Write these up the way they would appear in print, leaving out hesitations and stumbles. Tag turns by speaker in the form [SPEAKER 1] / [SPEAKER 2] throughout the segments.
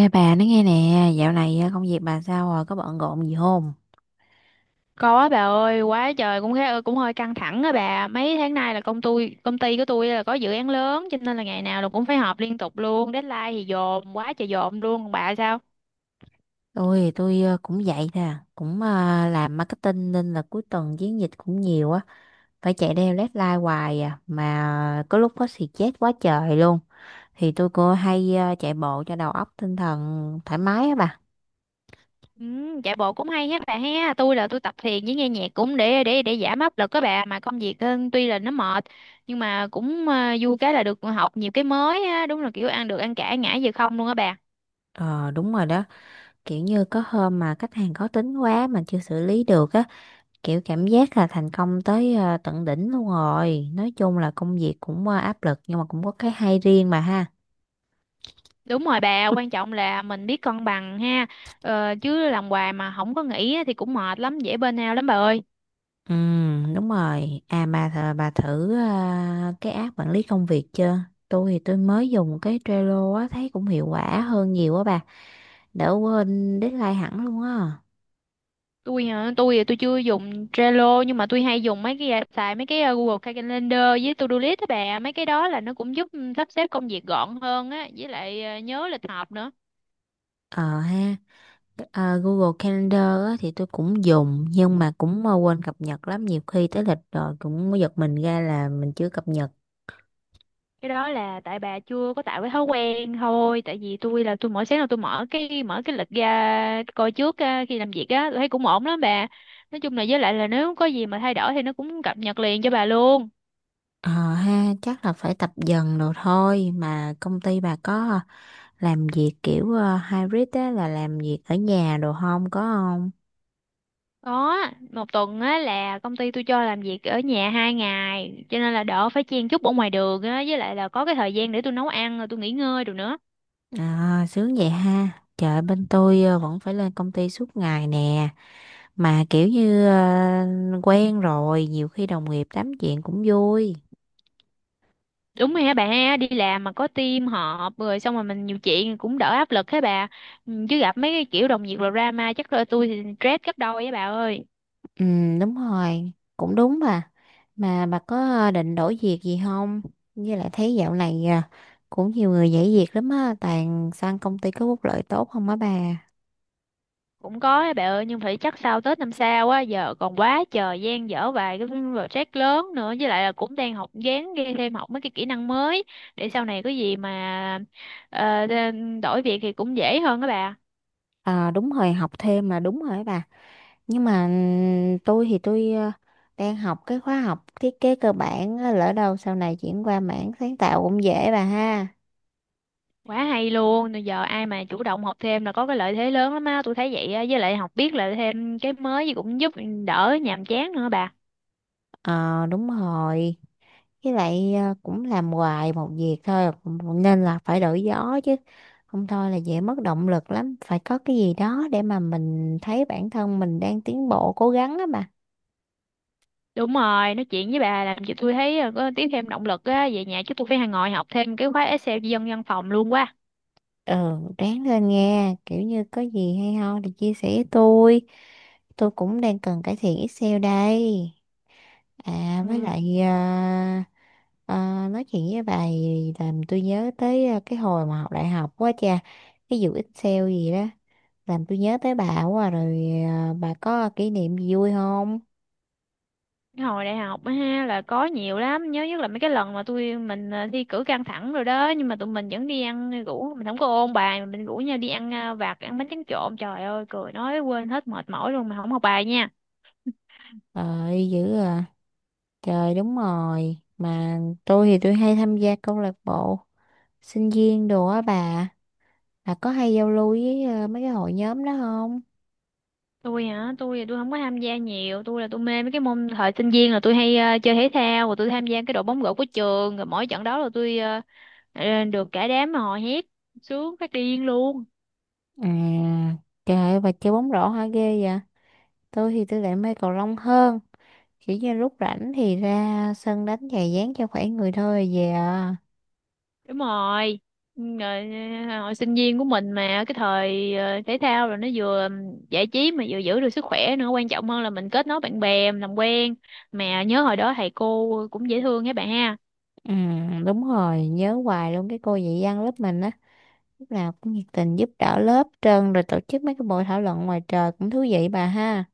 [SPEAKER 1] Ê bà nói nghe nè, dạo này công việc bà sao rồi, có bận rộn gì không?
[SPEAKER 2] Có bà ơi, quá trời cũng khá cũng hơi căng thẳng á bà. Mấy tháng nay là công ty của tôi là có dự án lớn cho nên là ngày nào là cũng phải họp liên tục luôn, deadline thì dồn, quá trời dồn luôn. Còn bà sao?
[SPEAKER 1] Tôi cũng vậy nè, cũng làm marketing nên là cuối tuần chiến dịch cũng nhiều á, phải chạy theo deadline hoài à, mà có lúc có xì chết quá trời luôn. Thì tôi cô hay chạy bộ cho đầu óc tinh thần thoải mái á bà.
[SPEAKER 2] Ừ, chạy bộ cũng hay hết bà ha. Tôi là tôi tập thiền với nghe nhạc cũng để giảm áp lực các bà, mà công việc tuy là nó mệt nhưng mà cũng vui, cái là được học nhiều cái mới á, đúng là kiểu ăn được ăn cả ngã về không luôn á bà.
[SPEAKER 1] Ờ đúng rồi đó, kiểu như có hôm mà khách hàng khó tính quá mà chưa xử lý được á, kiểu cảm giác là thành công tới tận đỉnh luôn rồi, nói chung là công việc cũng áp lực nhưng mà cũng có cái hay riêng mà ha.
[SPEAKER 2] Đúng rồi bà, quan trọng là mình biết cân bằng ha. Ờ, chứ làm hoài mà không có nghỉ á thì cũng mệt lắm, dễ burnout lắm bà ơi.
[SPEAKER 1] Ừ đúng rồi, à mà bà thử cái app quản lý công việc chưa? Tôi thì tôi mới dùng cái Trello á, thấy cũng hiệu quả hơn nhiều á bà, đỡ quên deadline hẳn luôn á.
[SPEAKER 2] Tôi thì tôi chưa dùng Trello, nhưng mà tôi hay dùng mấy cái xài mấy cái Google Calendar với To-do list á bà, mấy cái đó là nó cũng giúp sắp xếp công việc gọn hơn á, với lại nhớ lịch họp nữa.
[SPEAKER 1] Ờ ha. Ờ, Google Calendar á, thì tôi cũng dùng nhưng mà cũng quên cập nhật lắm, nhiều khi tới lịch rồi cũng giật mình ra là mình chưa cập nhật.
[SPEAKER 2] Cái đó là tại bà chưa có tạo cái thói quen thôi, tại vì tôi là tôi mỗi sáng là tôi mở cái lịch ra coi trước khi làm việc á, tôi thấy cũng ổn lắm bà. Nói chung là với lại là nếu có gì mà thay đổi thì nó cũng cập nhật liền cho bà luôn.
[SPEAKER 1] Ờ ha, chắc là phải tập dần rồi thôi. Mà công ty bà có làm việc kiểu hybrid á, là làm việc ở nhà đồ không có không?
[SPEAKER 2] Có, một tuần á là công ty tôi cho làm việc ở nhà 2 ngày, cho nên là đỡ phải chen chúc ở ngoài đường á, với lại là có cái thời gian để tôi nấu ăn rồi tôi nghỉ ngơi rồi nữa.
[SPEAKER 1] À, sướng vậy ha. Trời bên tôi vẫn phải lên công ty suốt ngày nè, mà kiểu như quen rồi, nhiều khi đồng nghiệp tám chuyện cũng vui.
[SPEAKER 2] Đúng rồi hả bà ha, đi làm mà có team họp rồi xong rồi mình nhiều chuyện cũng đỡ áp lực hả bà. Ừ, chứ gặp mấy cái kiểu đồng nghiệp rồi drama chắc là tôi thì stress gấp đôi á bà ơi.
[SPEAKER 1] Ừ, đúng rồi, cũng đúng bà. Mà bà có định đổi việc gì không? Với lại thấy dạo này cũng nhiều người nhảy việc lắm á, toàn sang công ty có phúc lợi tốt không á bà.
[SPEAKER 2] Cũng có á bà ơi, nhưng phải chắc sau Tết năm sau á, giờ còn quá trời dang dở vài cái project lớn nữa, với lại là cũng đang học gán ghi thêm học mấy cái kỹ năng mới để sau này có gì mà ờ, đe- đổi việc thì cũng dễ hơn các bà.
[SPEAKER 1] À, đúng rồi, học thêm là đúng rồi á bà. Nhưng mà tôi thì tôi đang học cái khóa học thiết kế cơ bản á, lỡ đâu sau này chuyển qua mảng sáng tạo cũng dễ bà ha.
[SPEAKER 2] Quá hay luôn. Rồi giờ ai mà chủ động học thêm là có cái lợi thế lớn lắm á, tôi thấy vậy á, với lại học biết là thêm cái mới gì cũng giúp đỡ nhàm chán nữa bà.
[SPEAKER 1] Ờ đúng rồi, với lại cũng làm hoài một việc thôi cũng nên là phải đổi gió chứ, không thôi là dễ mất động lực lắm, phải có cái gì đó để mà mình thấy bản thân mình đang tiến bộ cố gắng á mà.
[SPEAKER 2] Đúng rồi, nói chuyện với bà làm cho tôi thấy có tiếp thêm động lực á, về nhà chứ tôi phải ngồi học thêm cái khóa Excel dân văn phòng luôn quá.
[SPEAKER 1] Ừ, ráng lên nghe, kiểu như có gì hay ho thì chia sẻ với tôi cũng đang cần cải thiện Excel đây. À với
[SPEAKER 2] Ừ.
[SPEAKER 1] lại à, à, Nói chuyện với bà thì làm tôi nhớ tới cái hồi mà học đại học quá cha, cái vụ Excel gì đó làm tôi nhớ tới bà quá à, rồi à, bà có kỷ niệm gì vui không?
[SPEAKER 2] Cái hồi đại học á ha là có nhiều lắm, nhớ nhất là mấy cái lần mà tụi mình thi cử căng thẳng rồi đó, nhưng mà tụi mình vẫn đi ăn, rủ mình không có ôn bài mà mình rủ nhau đi ăn vặt, ăn bánh tráng trộn, trời ơi cười nói quên hết mệt mỏi luôn mà không học bài nha.
[SPEAKER 1] Trời dữ à. Trời đúng rồi. Mà tôi thì tôi hay tham gia câu lạc bộ sinh viên đồ á bà. Là có hay giao lưu với mấy cái hội nhóm đó không?
[SPEAKER 2] Tôi thì tôi không có tham gia nhiều, tôi là tôi mê mấy cái môn thời sinh viên, là tôi hay chơi thể thao, rồi tôi tham gia cái đội bóng rổ của trường, rồi mỗi trận đó là tôi được cả đám mà hò hét sướng phát điên luôn.
[SPEAKER 1] À, trời, và chơi bóng rổ hả, ghê vậy? Tôi thì tôi lại mê cầu lông hơn. Kiểu như lúc rảnh thì ra sân đánh chà dán cho khỏe người thôi về à.
[SPEAKER 2] Đúng rồi, rồi. Hồi sinh viên của mình mà cái thời thể thao rồi nó vừa giải trí mà vừa giữ được sức khỏe nữa, quan trọng hơn là mình kết nối bạn bè mình làm quen, mà nhớ hồi đó thầy cô cũng dễ thương các bạn ha.
[SPEAKER 1] Ừ, đúng rồi, nhớ hoài luôn cái cô dạy văn lớp mình á. Lúc nào cũng nhiệt tình giúp đỡ lớp trơn rồi tổ chức mấy cái buổi thảo luận ngoài trời cũng thú vị bà ha.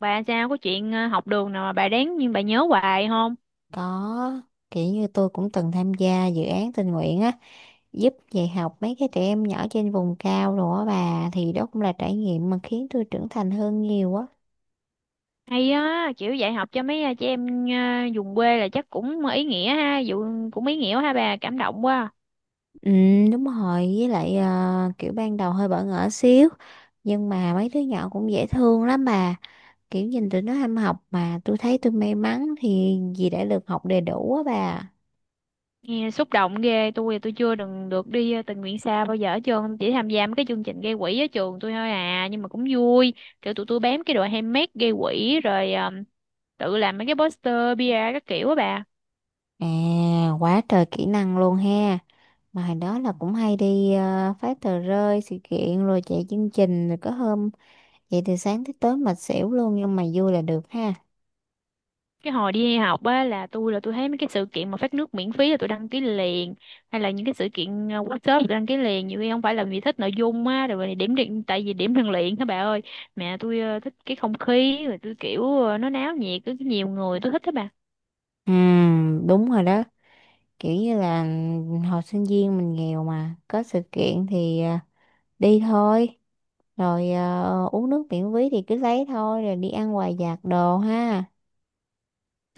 [SPEAKER 2] Bà sao có chuyện học đường nào mà bà đáng nhưng bà nhớ hoài không?
[SPEAKER 1] Có, kiểu như tôi cũng từng tham gia dự án tình nguyện á, giúp dạy học mấy cái trẻ em nhỏ trên vùng cao rồi á bà, thì đó cũng là trải nghiệm mà khiến tôi trưởng thành hơn nhiều á.
[SPEAKER 2] Hay á, kiểu dạy học cho mấy trẻ em vùng quê là chắc cũng ý nghĩa ha, vụ cũng ý nghĩa ha bà, cảm động quá.
[SPEAKER 1] Ừ, đúng rồi, với lại kiểu ban đầu hơi bỡ ngỡ xíu, nhưng mà mấy đứa nhỏ cũng dễ thương lắm bà, kiểu nhìn tụi nó ham học mà tôi thấy tôi may mắn thì vì đã được học đầy đủ á bà.
[SPEAKER 2] Nghe xúc động ghê, tôi chưa đừng được đi tình nguyện xa bao giờ hết trơn, chỉ tham gia mấy cái chương trình gây quỹ ở trường tôi thôi à, nhưng mà cũng vui. Kiểu tụi tôi bám cái đội handmade gây quỹ rồi tự làm mấy cái poster, bia các kiểu á bà.
[SPEAKER 1] À, quá trời kỹ năng luôn ha. Mà hồi đó là cũng hay đi phát tờ rơi sự kiện rồi chạy chương trình, rồi có hôm vậy từ sáng tới tối mệt xỉu luôn, nhưng mà vui là được ha.
[SPEAKER 2] Cái hồi đi học á là tôi thấy mấy cái sự kiện mà phát nước miễn phí là tôi đăng ký liền, hay là những cái sự kiện workshop tôi đăng ký liền, nhiều khi không phải là vì thích nội dung á, rồi điểm điện tại vì điểm rèn luyện đó bà ơi, mẹ tôi thích cái không khí, rồi tôi kiểu nó náo nhiệt có nhiều người tôi thích đó bà.
[SPEAKER 1] Ừ đúng rồi đó, kiểu như là hồi sinh viên mình nghèo mà có sự kiện thì đi thôi, rồi uống nước miễn phí thì cứ lấy thôi, rồi đi ăn quà vặt đồ ha.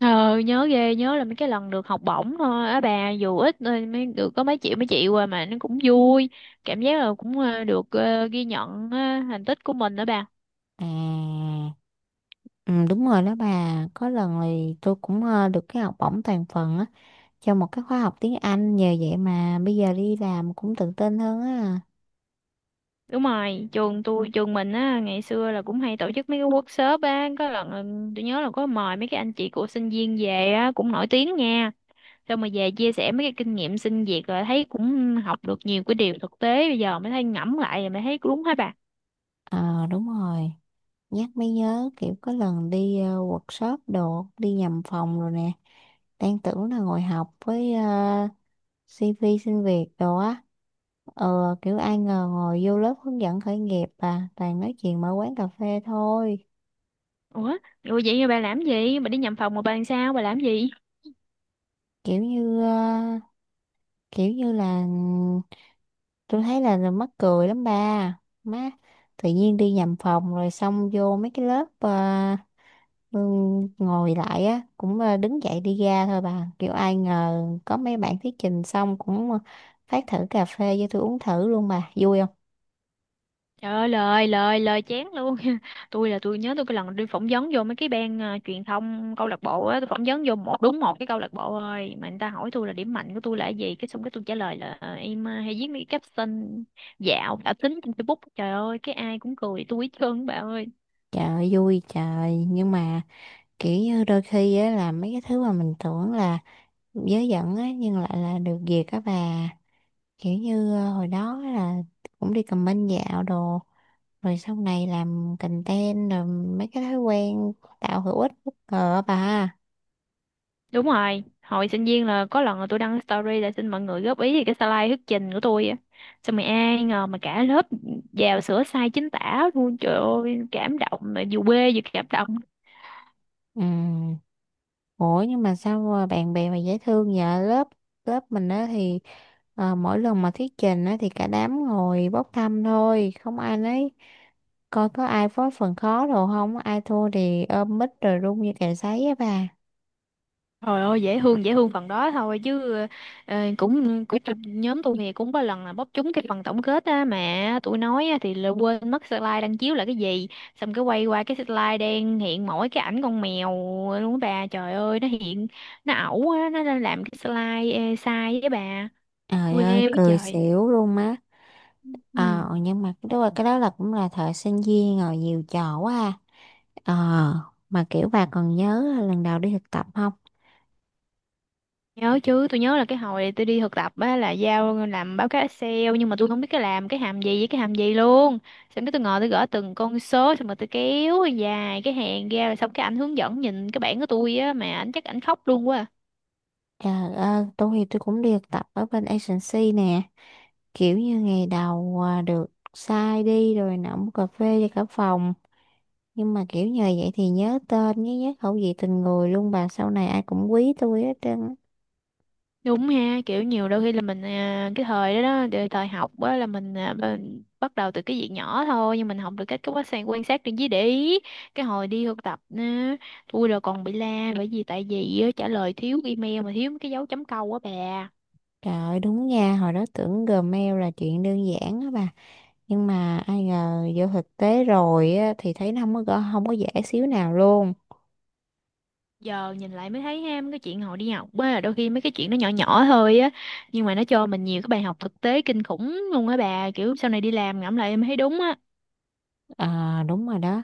[SPEAKER 2] Ờ, nhớ ghê, nhớ là mấy cái lần được học bổng thôi á bà, dù ít thôi, mới được có mấy triệu qua mà nó cũng vui, cảm giác là cũng được ghi nhận thành tích của mình đó bà.
[SPEAKER 1] À ừ, đúng rồi đó bà, có lần thì tôi cũng được cái học bổng toàn phần á, trong một cái khóa học tiếng Anh, nhờ vậy mà bây giờ đi làm cũng tự tin hơn á.
[SPEAKER 2] Đúng rồi, trường mình á ngày xưa là cũng hay tổ chức mấy cái workshop á, có lần là tôi nhớ là có mời mấy cái anh chị của sinh viên về á cũng nổi tiếng nha, xong mà về chia sẻ mấy cái kinh nghiệm sinh việc rồi thấy cũng học được nhiều cái điều thực tế, bây giờ mới thấy ngẫm lại rồi mới thấy đúng hả bà.
[SPEAKER 1] Ờ đúng rồi, nhắc mới nhớ, kiểu có lần đi workshop đồ đi nhầm phòng rồi nè, đang tưởng là ngồi học với CV xin việc đồ á, kiểu ai ngờ ngồi vô lớp hướng dẫn khởi nghiệp, à toàn nói chuyện mở quán cà phê thôi.
[SPEAKER 2] Ủa, ủa vậy bà làm gì, bà đi nhầm phòng mà bà làm sao bà làm gì?
[SPEAKER 1] Kiểu như ờ, kiểu như là tôi thấy là, mắc cười lắm ba má. Tự nhiên đi nhầm phòng rồi xong vô mấy cái lớp ừ, ngồi lại á, cũng đứng dậy đi ra thôi bà, kiểu ai ngờ có mấy bạn thuyết trình xong cũng phát thử cà phê cho tôi uống thử luôn bà, vui không?
[SPEAKER 2] Trời ơi lời lời lời chán luôn. Tôi là tôi nhớ cái lần đi phỏng vấn vô mấy cái ban truyền thông câu lạc bộ á. Tôi phỏng vấn vô một đúng một cái câu lạc bộ thôi, mà người ta hỏi tôi là điểm mạnh của tôi là cái gì, cái xong cái tôi trả lời là em hay viết mấy cái caption dạo cả tính trên Facebook. Trời ơi cái ai cũng cười tôi hết trơn bà ơi.
[SPEAKER 1] Trời ơi, vui trời, nhưng mà kiểu như đôi khi á là mấy cái thứ mà mình tưởng là dớ dẫn á nhưng lại là được việc á bà, kiểu như hồi đó là cũng đi comment dạo đồ, rồi sau này làm content rồi mấy cái thói quen tạo hữu ích bất ngờ á bà.
[SPEAKER 2] Đúng rồi, hồi sinh viên là có lần là tôi đăng story là xin mọi người góp ý về cái slide thuyết trình của tôi á, xong rồi ai ngờ mà cả lớp vào sửa sai chính tả luôn, trời ơi cảm động mà vừa quê vừa cảm động.
[SPEAKER 1] Ừ. Ủa nhưng mà sao mà bạn bè mà dễ thương vậy, lớp lớp mình á thì mỗi lần mà thuyết trình á thì cả đám ngồi bốc thăm thôi, không ai nấy coi có ai có phần khó đồ không, ai thua thì ôm mic rồi run như cày sấy á bà.
[SPEAKER 2] Trời ơi dễ thương phần đó thôi chứ cũng cũng nhóm tôi thì cũng có lần là bóp trúng cái phần tổng kết á mà tụi nói á, thì là quên mất slide đang chiếu là cái gì, xong cái quay qua cái slide đen hiện mỗi cái ảnh con mèo luôn á bà, trời ơi nó hiện, nó ẩu á nó đang làm cái slide sai với bà,
[SPEAKER 1] Trời
[SPEAKER 2] quê
[SPEAKER 1] ơi
[SPEAKER 2] với
[SPEAKER 1] cười
[SPEAKER 2] trời.
[SPEAKER 1] xỉu luôn má.
[SPEAKER 2] Ừ.
[SPEAKER 1] Ờ, nhưng mà đúng rồi, cái đó là cũng là thời sinh viên rồi, nhiều trò quá ha. Ờ, mà kiểu bà còn nhớ là lần đầu đi thực tập không?
[SPEAKER 2] Nhớ chứ, tôi nhớ là cái hồi tôi đi thực tập á là giao làm báo cáo Excel nhưng mà tôi không biết cái làm cái hàm gì với cái hàm gì luôn. Xong cái tôi ngồi tôi gõ từng con số xong rồi tôi kéo dài cái hàng ra rồi xong cái ảnh hướng dẫn nhìn cái bảng của tôi á mà ảnh chắc ảnh khóc luôn quá à.
[SPEAKER 1] Trời ơi, tôi thì tôi cũng đi thực tập ở bên agency nè. Kiểu như ngày đầu được sai đi rồi nóng cà phê cho cả phòng. Nhưng mà kiểu nhờ vậy thì nhớ tên, nhớ nhớ khẩu vị từng người luôn bà. Sau này ai cũng quý tôi hết trơn á.
[SPEAKER 2] Đúng ha, kiểu nhiều đôi khi là mình cái thời đó đó, thời học á là mình bắt đầu từ cái việc nhỏ thôi nhưng mình học được cách cái quá sang quan sát trên dưới để ý. Cái hồi đi thực tập á, tôi là còn bị la bởi vì tại vì á, trả lời thiếu email mà thiếu cái dấu chấm câu á bà.
[SPEAKER 1] Trời ơi, đúng nha, hồi đó tưởng Gmail là chuyện đơn giản á bà, nhưng mà ai ngờ vô thực tế rồi á, thì thấy nó không có không có dễ xíu nào luôn.
[SPEAKER 2] Giờ nhìn lại mới thấy ha mấy cái chuyện hồi đi học á, đôi khi mấy cái chuyện nó nhỏ nhỏ thôi á, nhưng mà nó cho mình nhiều cái bài học thực tế kinh khủng luôn á bà, kiểu sau này đi làm ngẫm lại em thấy đúng á.
[SPEAKER 1] À, đúng rồi đó,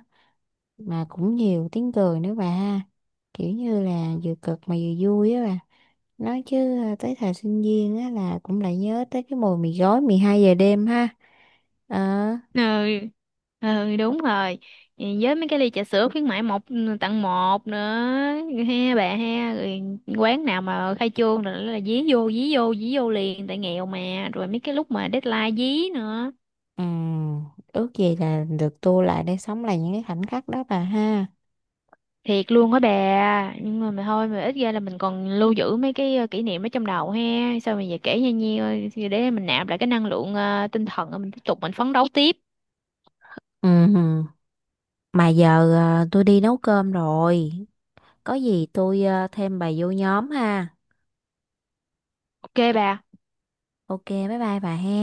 [SPEAKER 1] mà cũng nhiều tiếng cười nữa bà, kiểu như là vừa cực mà vừa vui á bà, nói chứ, à, tới thời sinh viên á là cũng lại nhớ tới cái mùi mì gói 12 giờ đêm ha. ờ
[SPEAKER 2] Ừ, ừ, đúng rồi. Ừ, với mấy cái ly trà sữa khuyến mãi một tặng một nữa ha bà ha, rồi quán nào mà khai trương rồi là dí vô dí vô dí vô liền, tại nghèo mà, rồi mấy cái lúc mà deadline dí nữa,
[SPEAKER 1] ừm, Ước gì là được tua lại để sống lại những cái khoảnh khắc đó bà ha.
[SPEAKER 2] thiệt luôn á bà, nhưng mà thôi, mà ít ra là mình còn lưu giữ mấy cái kỷ niệm ở trong đầu ha, sao mà giờ kể nha nhiêu để mình nạp lại cái năng lượng tinh thần mình tiếp tục mình phấn đấu tiếp.
[SPEAKER 1] Ừ, mà giờ tôi đi nấu cơm rồi. Có gì tôi thêm bà vô nhóm ha.
[SPEAKER 2] OK bà.
[SPEAKER 1] Ok bye bye bà he.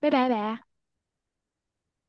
[SPEAKER 2] Bye bye bà.